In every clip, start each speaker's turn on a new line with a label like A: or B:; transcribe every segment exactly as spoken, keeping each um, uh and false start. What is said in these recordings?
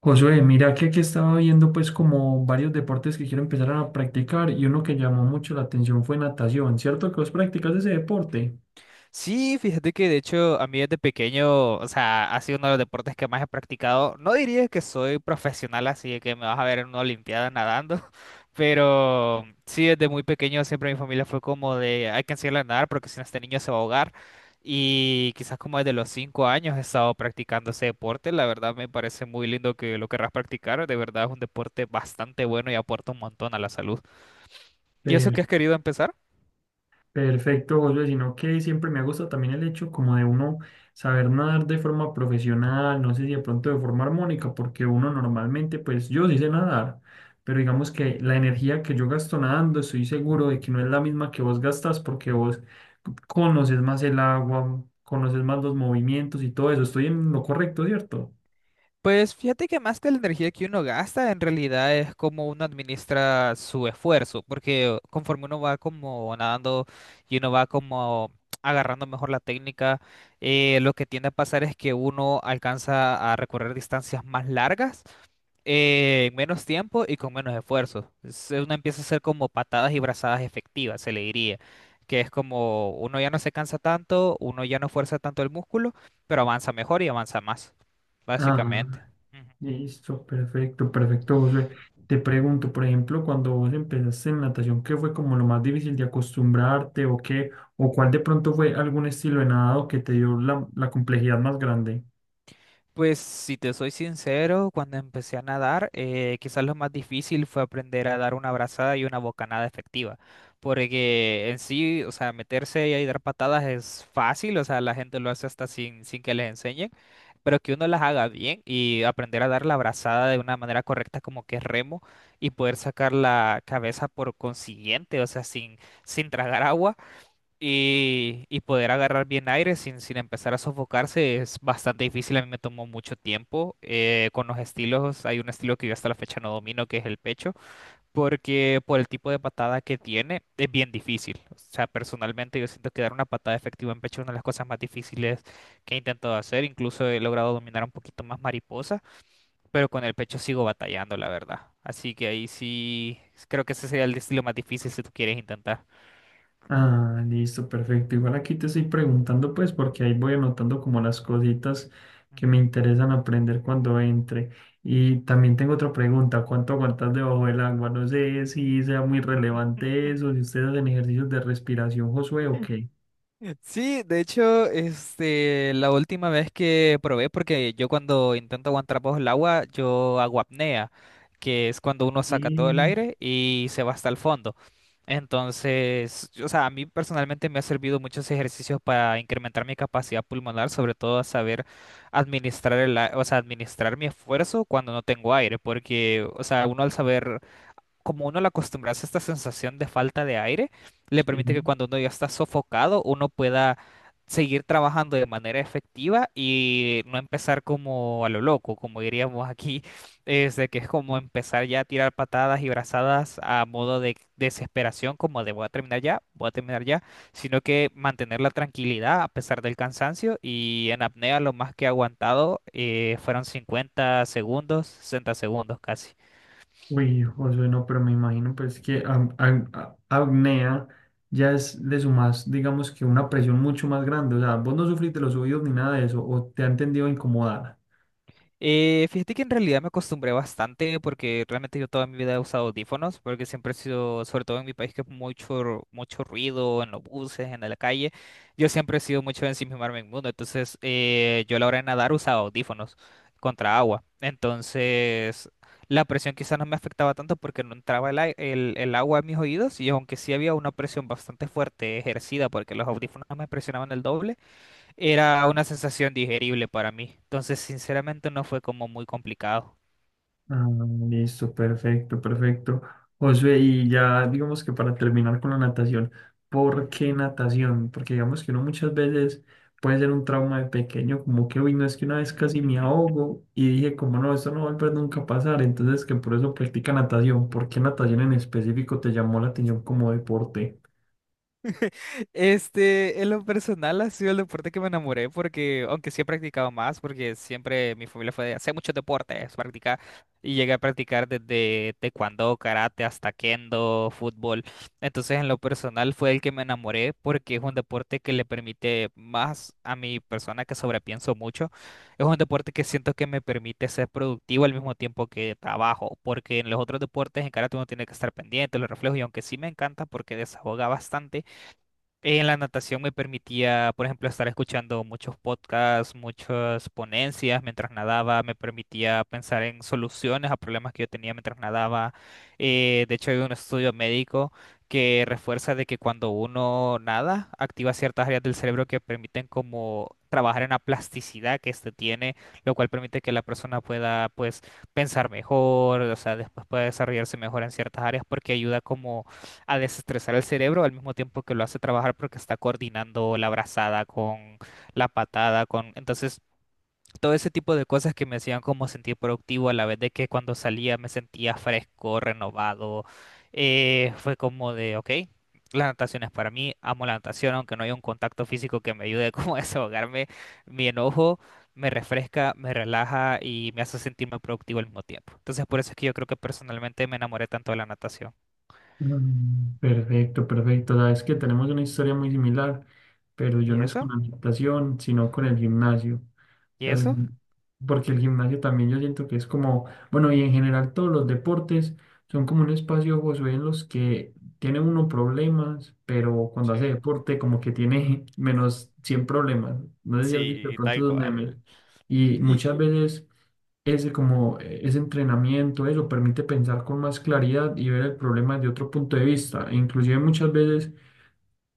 A: Josué, mira que aquí estaba viendo pues como varios deportes que quiero empezar a practicar y uno que llamó mucho la atención fue natación, ¿cierto que vos practicas ese deporte?
B: Sí, fíjate que de hecho a mí desde pequeño, o sea, ha sido uno de los deportes que más he practicado. No diría que soy profesional, así de que me vas a ver en una olimpiada nadando, pero sí, desde muy pequeño siempre mi familia fue como de, hay que enseñarle a nadar porque si no este niño se va a ahogar. Y quizás como desde los cinco años he estado practicando ese deporte. La verdad me parece muy lindo que lo querrás practicar. De verdad es un deporte bastante bueno y aporta un montón a la salud. ¿Y eso que has querido empezar?
A: Perfecto, Josué, sino que siempre me ha gustado también el hecho como de uno saber nadar de forma profesional, no sé si de pronto de forma armónica, porque uno
B: Ujú,
A: normalmente, pues yo sí sé nadar, pero digamos que la energía que yo gasto nadando, estoy seguro de que no es la misma que vos gastas porque vos conoces más el agua, conoces
B: ujú.
A: más los movimientos y todo eso, estoy en lo correcto, ¿cierto?
B: Pues fíjate que más que la energía que uno gasta, en realidad es como uno administra su esfuerzo, porque conforme uno va como nadando y uno va como agarrando mejor la técnica, eh, lo que tiende a pasar es que uno alcanza a recorrer distancias más largas, eh, en menos tiempo y con menos esfuerzo. Es- eh, Uno empieza a hacer como patadas y brazadas efectivas, se le diría, que es como uno ya no se cansa tanto, uno ya no fuerza tanto el músculo, pero avanza mejor y avanza más.
A: Ah.
B: Básicamente. Ujú.
A: Listo, perfecto, perfecto, Josué. Te pregunto, por ejemplo, cuando vos empezaste en natación, ¿qué fue como lo más difícil de acostumbrarte o qué? ¿O cuál de pronto fue algún estilo de nadado que te dio la, la complejidad más grande?
B: Pues si te soy sincero, cuando empecé a nadar, eh, quizás lo más difícil fue aprender a dar una brazada y una bocanada efectiva, porque en sí, o sea, meterse y dar patadas es fácil, o sea, la gente lo hace hasta sin, sin que les enseñen, pero que uno las haga bien y aprender a dar la brazada de una manera correcta como que es remo y poder sacar la cabeza por consiguiente, o sea, sin, sin tragar agua Y, y poder agarrar bien aire sin, sin empezar a sofocarse es bastante difícil. A mí me tomó mucho tiempo. Eh, con los estilos, hay un estilo que yo hasta la fecha no domino, que es el pecho, porque por el tipo de patada que tiene es bien difícil. O sea, personalmente yo siento que dar una patada efectiva en pecho es una de las cosas más difíciles que he intentado hacer. Incluso he logrado dominar un poquito más mariposa, pero con el pecho sigo batallando, la verdad. Así que ahí sí, creo que ese sería el estilo más difícil si tú quieres intentar.
A: Ah, listo, perfecto. Igual aquí te estoy preguntando, pues, porque ahí voy anotando como las cositas que me interesan aprender cuando entre. Y también tengo otra pregunta, ¿cuánto aguantas debajo del agua? No sé si sea muy relevante
B: Ujú.
A: eso, si ustedes hacen ejercicios de respiración, Josué, o qué.
B: Sí, de hecho, este, la última vez que probé, porque yo cuando intento aguantar bajo el agua, yo hago apnea, que es cuando uno saca todo el
A: Sí.
B: aire y se va hasta el fondo. Entonces, o sea, a mí personalmente me ha servido muchos ejercicios para incrementar mi capacidad pulmonar, sobre todo a saber administrar el, a- o sea, administrar mi esfuerzo cuando no tengo aire, porque, o sea, uno al saber como uno le acostumbrarse a esta sensación de falta de aire, le permite que
A: Sí,
B: cuando uno ya está sofocado, uno pueda seguir trabajando de manera efectiva y no empezar como a lo loco, como diríamos aquí, es de que es como empezar ya a tirar patadas y brazadas a modo de desesperación, como de voy a terminar ya, voy a terminar ya, sino que mantener la tranquilidad a pesar del cansancio y en apnea lo más que he aguantado eh, fueron cincuenta segundos, sesenta segundos casi.
A: uy, Josué, no, pero me imagino pues que am- am- a- apnea ya es de su más, digamos que una presión mucho más grande, o sea, vos no sufrís de los oídos ni nada de eso, o te han tendido a incomodar.
B: Eh, fíjate que en realidad me acostumbré bastante porque realmente yo toda mi vida he usado audífonos porque siempre he sido, sobre todo en mi país que es mucho, mucho ruido en los buses, en la calle, yo siempre he sido mucho de ensimismarme en el mundo, entonces eh, yo a la hora de nadar usaba audífonos contra agua, entonces la presión quizás no me afectaba tanto porque no entraba el, ai- el, el agua a mis oídos y aunque sí había una presión bastante fuerte ejercida porque los audífonos me presionaban el doble. Era una sensación digerible para mí. Entonces, sinceramente, no fue como muy complicado.
A: Ah, listo, perfecto, perfecto. Josué, y ya digamos que para terminar con la natación, ¿por
B: Ujú.
A: qué natación? Porque digamos que uno muchas veces puede ser un trauma de pequeño, como que, uy, no es que una vez casi me ahogo y dije, como no, esto no va a volver nunca a pasar, entonces que por eso practica natación. ¿Por qué natación en específico te llamó la atención como deporte?
B: Este, en lo personal ha sido el deporte que me enamoré porque, aunque sí he practicado más, porque siempre mi familia fue de hacer muchos deportes, practicar, y llegué a practicar desde taekwondo, karate, hasta kendo, fútbol. Entonces, en lo personal fue el que me enamoré porque es un deporte que le permite más a mi persona que sobrepienso mucho. Es un deporte que siento que me permite ser productivo al mismo tiempo que trabajo, porque en los otros deportes, en karate uno tiene que estar pendiente, los reflejos, y aunque sí me encanta porque desahoga bastante en la natación me permitía, por ejemplo, estar escuchando muchos podcasts, muchas ponencias mientras nadaba, me permitía pensar en soluciones a problemas que yo tenía mientras nadaba. Eh, de hecho, hay un estudio médico que refuerza de que cuando uno nada, activa ciertas áreas del cerebro que permiten como trabajar en la plasticidad que éste tiene, lo cual permite que la persona pueda, pues, pensar mejor, o sea, después pueda desarrollarse mejor en ciertas áreas porque ayuda como a desestresar el cerebro al mismo tiempo que lo hace trabajar porque está coordinando la brazada con la patada, con... Entonces, todo ese tipo de cosas que me hacían como sentir productivo a la vez de que cuando salía me sentía fresco, renovado, eh, fue como de, ok, la natación es para mí, amo la natación, aunque no haya un contacto físico que me ayude como a desahogarme, mi enojo. Me refresca, me relaja y me hace sentirme productivo al mismo tiempo. Entonces, por eso es que yo creo que personalmente me enamoré tanto de la natación.
A: Mm, perfecto, perfecto. Sabes que tenemos una historia muy similar, pero yo
B: ¿Y
A: no es
B: eso?
A: con la natación, sino con el gimnasio. O
B: ¿Y
A: sea, el
B: eso?
A: gim-, porque el gimnasio también yo siento que es como, bueno, y en general todos los deportes son como un espacio, Josué, en los que tiene uno problemas, pero cuando hace
B: Sí,
A: deporte como que tiene menos cien problemas. No sé si has visto de
B: sí,
A: pronto
B: tal
A: esos memes.
B: cual.
A: Y
B: Y...
A: muchas veces ese
B: Ujú,
A: como eh, ese entrenamiento, eso permite pensar con más claridad y ver el problema de otro punto de vista, e inclusive muchas veces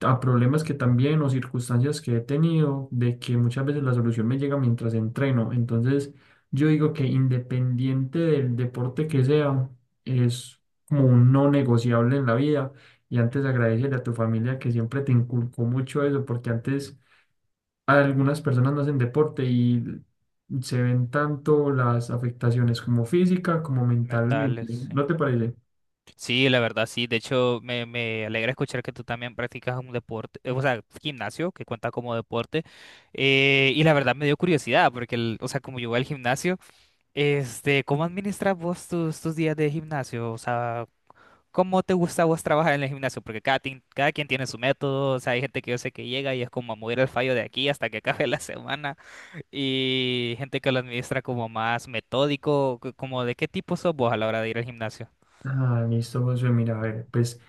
A: a problemas que también o circunstancias que he tenido, de que muchas veces la solución me llega mientras entreno. Entonces, yo digo que independiente del deporte que sea, es como un no negociable en la vida. Y antes
B: ujú.
A: agradecerle a tu familia que siempre te inculcó mucho eso, porque antes algunas personas no hacen deporte y se ven tanto las afectaciones como física como
B: Mentales,
A: mentalmente.
B: sí.
A: ¿No te parece?
B: Sí, la verdad, sí. De hecho, me, me alegra escuchar que tú también practicas un deporte, eh, o sea, gimnasio, que cuenta como deporte. Eh, y la verdad me dio curiosidad, porque, el- o sea, como yo voy al gimnasio, este, ¿cómo administras vos tus, tus días de gimnasio? O sea, ¿cómo te gusta a vos trabajar en el gimnasio? Porque cada, tin- cada quien tiene su método, o sea, hay gente que yo sé que llega y es como a mover el fallo de aquí hasta que acabe la semana. Y gente que lo administra como más metódico, co- como de qué tipo sos vos a la hora de ir al gimnasio.
A: Ah, listo, Josué. Mira, a ver, pues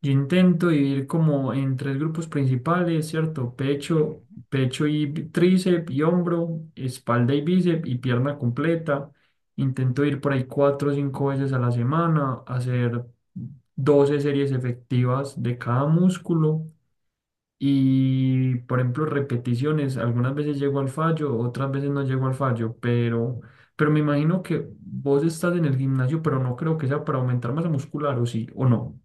A: yo intento dividir como en tres grupos principales, ¿cierto? Pecho,
B: Ujú.
A: pecho y bi- tríceps y hombro, espalda y bíceps y pierna completa. Intento ir por ahí cuatro o cinco veces a la semana, hacer doce series efectivas de cada músculo. Y, por ejemplo, repeticiones, algunas veces llego al fallo, otras veces no llego al fallo, pero, pero me imagino que vos estás en el gimnasio, pero no creo que sea para aumentar masa muscular, o sí, o no.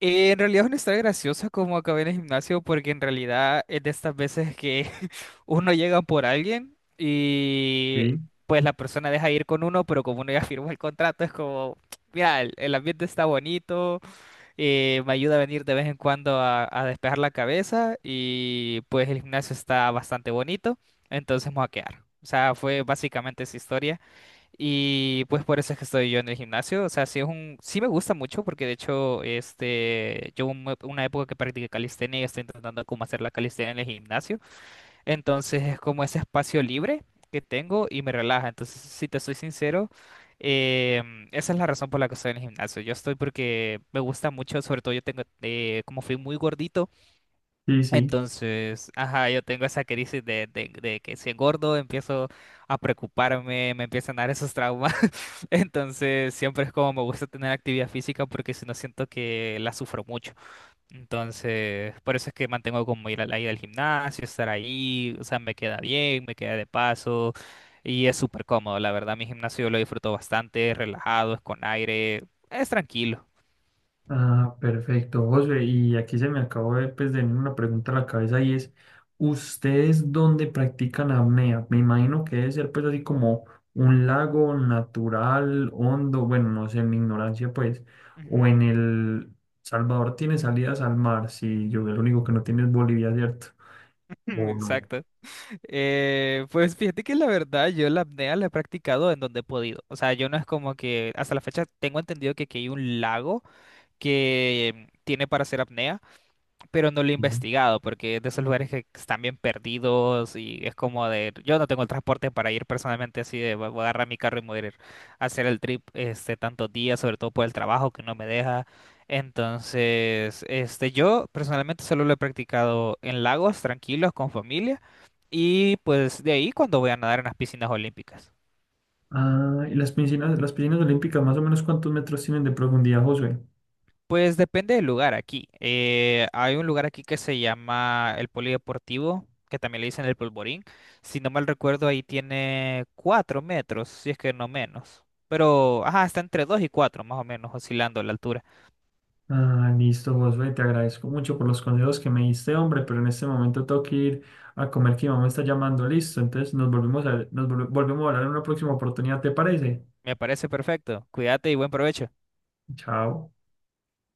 B: Eh, en realidad es una historia graciosa como acabé en el gimnasio porque en realidad es de estas veces que uno llega por alguien y
A: Sí,
B: pues la persona deja ir con uno, pero como uno ya firmó el contrato es como, mira, el, el ambiente está bonito. Eh, me ayuda a venir de vez en cuando a, a despejar la cabeza y pues el gimnasio está bastante bonito, entonces me voy a quedar. O sea, fue básicamente esa historia y pues por eso es que estoy yo en el gimnasio. O sea, sí es un, sí me gusta mucho porque de hecho, este, yo hubo un- una época que practiqué calistenia y estoy intentando cómo hacer la calistenia en el gimnasio. Entonces es como ese espacio libre que tengo y me relaja. Entonces, si te soy sincero, em, esa es la razón por la que estoy en el gimnasio. Yo estoy porque me gusta mucho, sobre todo yo tengo, eh, como fui muy gordito,
A: sí, sí.
B: entonces, ajá, yo tengo esa crisis de, de- de que si engordo empiezo a preocuparme, me empiezan a dar esos traumas. Entonces, siempre es como me gusta tener actividad física porque si no siento que la sufro mucho. Entonces, por eso es que mantengo como ir a la ida al gimnasio, estar ahí, o sea, me queda bien, me queda de paso y es súper cómodo. La verdad, mi gimnasio lo disfruto bastante, es relajado, es con aire, es tranquilo.
A: Ah, perfecto, José. Y aquí se me acabó de, pues, de venir una pregunta a la cabeza y es, ¿ustedes dónde practican apnea? Me imagino que debe ser pues así como un lago natural, hondo, bueno, no sé, en mi ignorancia pues, o
B: Ujú.
A: en el Salvador tiene salidas al mar, si yo lo único que no tiene es Bolivia, ¿cierto? O no.
B: Exacto. Eh, pues fíjate que la verdad yo la apnea la he practicado en donde he podido. O sea, yo no es como que hasta la fecha tengo entendido que aquí hay un lago que tiene para hacer apnea. Pero no lo he
A: Sí.
B: investigado porque es de esos lugares que están bien perdidos y es como de, yo no tengo el transporte para ir personalmente así de, voy a agarrar mi carro y me voy a ir a hacer el trip este tantos días, sobre todo por el trabajo que no me deja. Entonces, este, yo personalmente solo lo he practicado en lagos tranquilos con familia y pues de ahí cuando voy a nadar en las piscinas olímpicas.
A: Ah, ¿y las piscinas, las piscinas olímpicas más o menos cuántos metros tienen de profundidad, José?
B: Pues depende del lugar aquí. Eh, hay un lugar aquí que se llama el Polideportivo, que también le dicen el Polvorín. Si no mal recuerdo, ahí tiene cuatro metros, si es que no menos. Pero, ajá, está entre dos y cuatro, más o menos, oscilando la altura.
A: Ah, listo, Josué, te agradezco mucho por los consejos que me diste, hombre, pero en este momento tengo que ir a comer que mi mamá me está llamando, listo. Entonces nos volvemos a, nos volve- volvemos a hablar en una próxima oportunidad, ¿te parece?
B: Me parece perfecto. Cuídate y buen provecho.
A: Chao.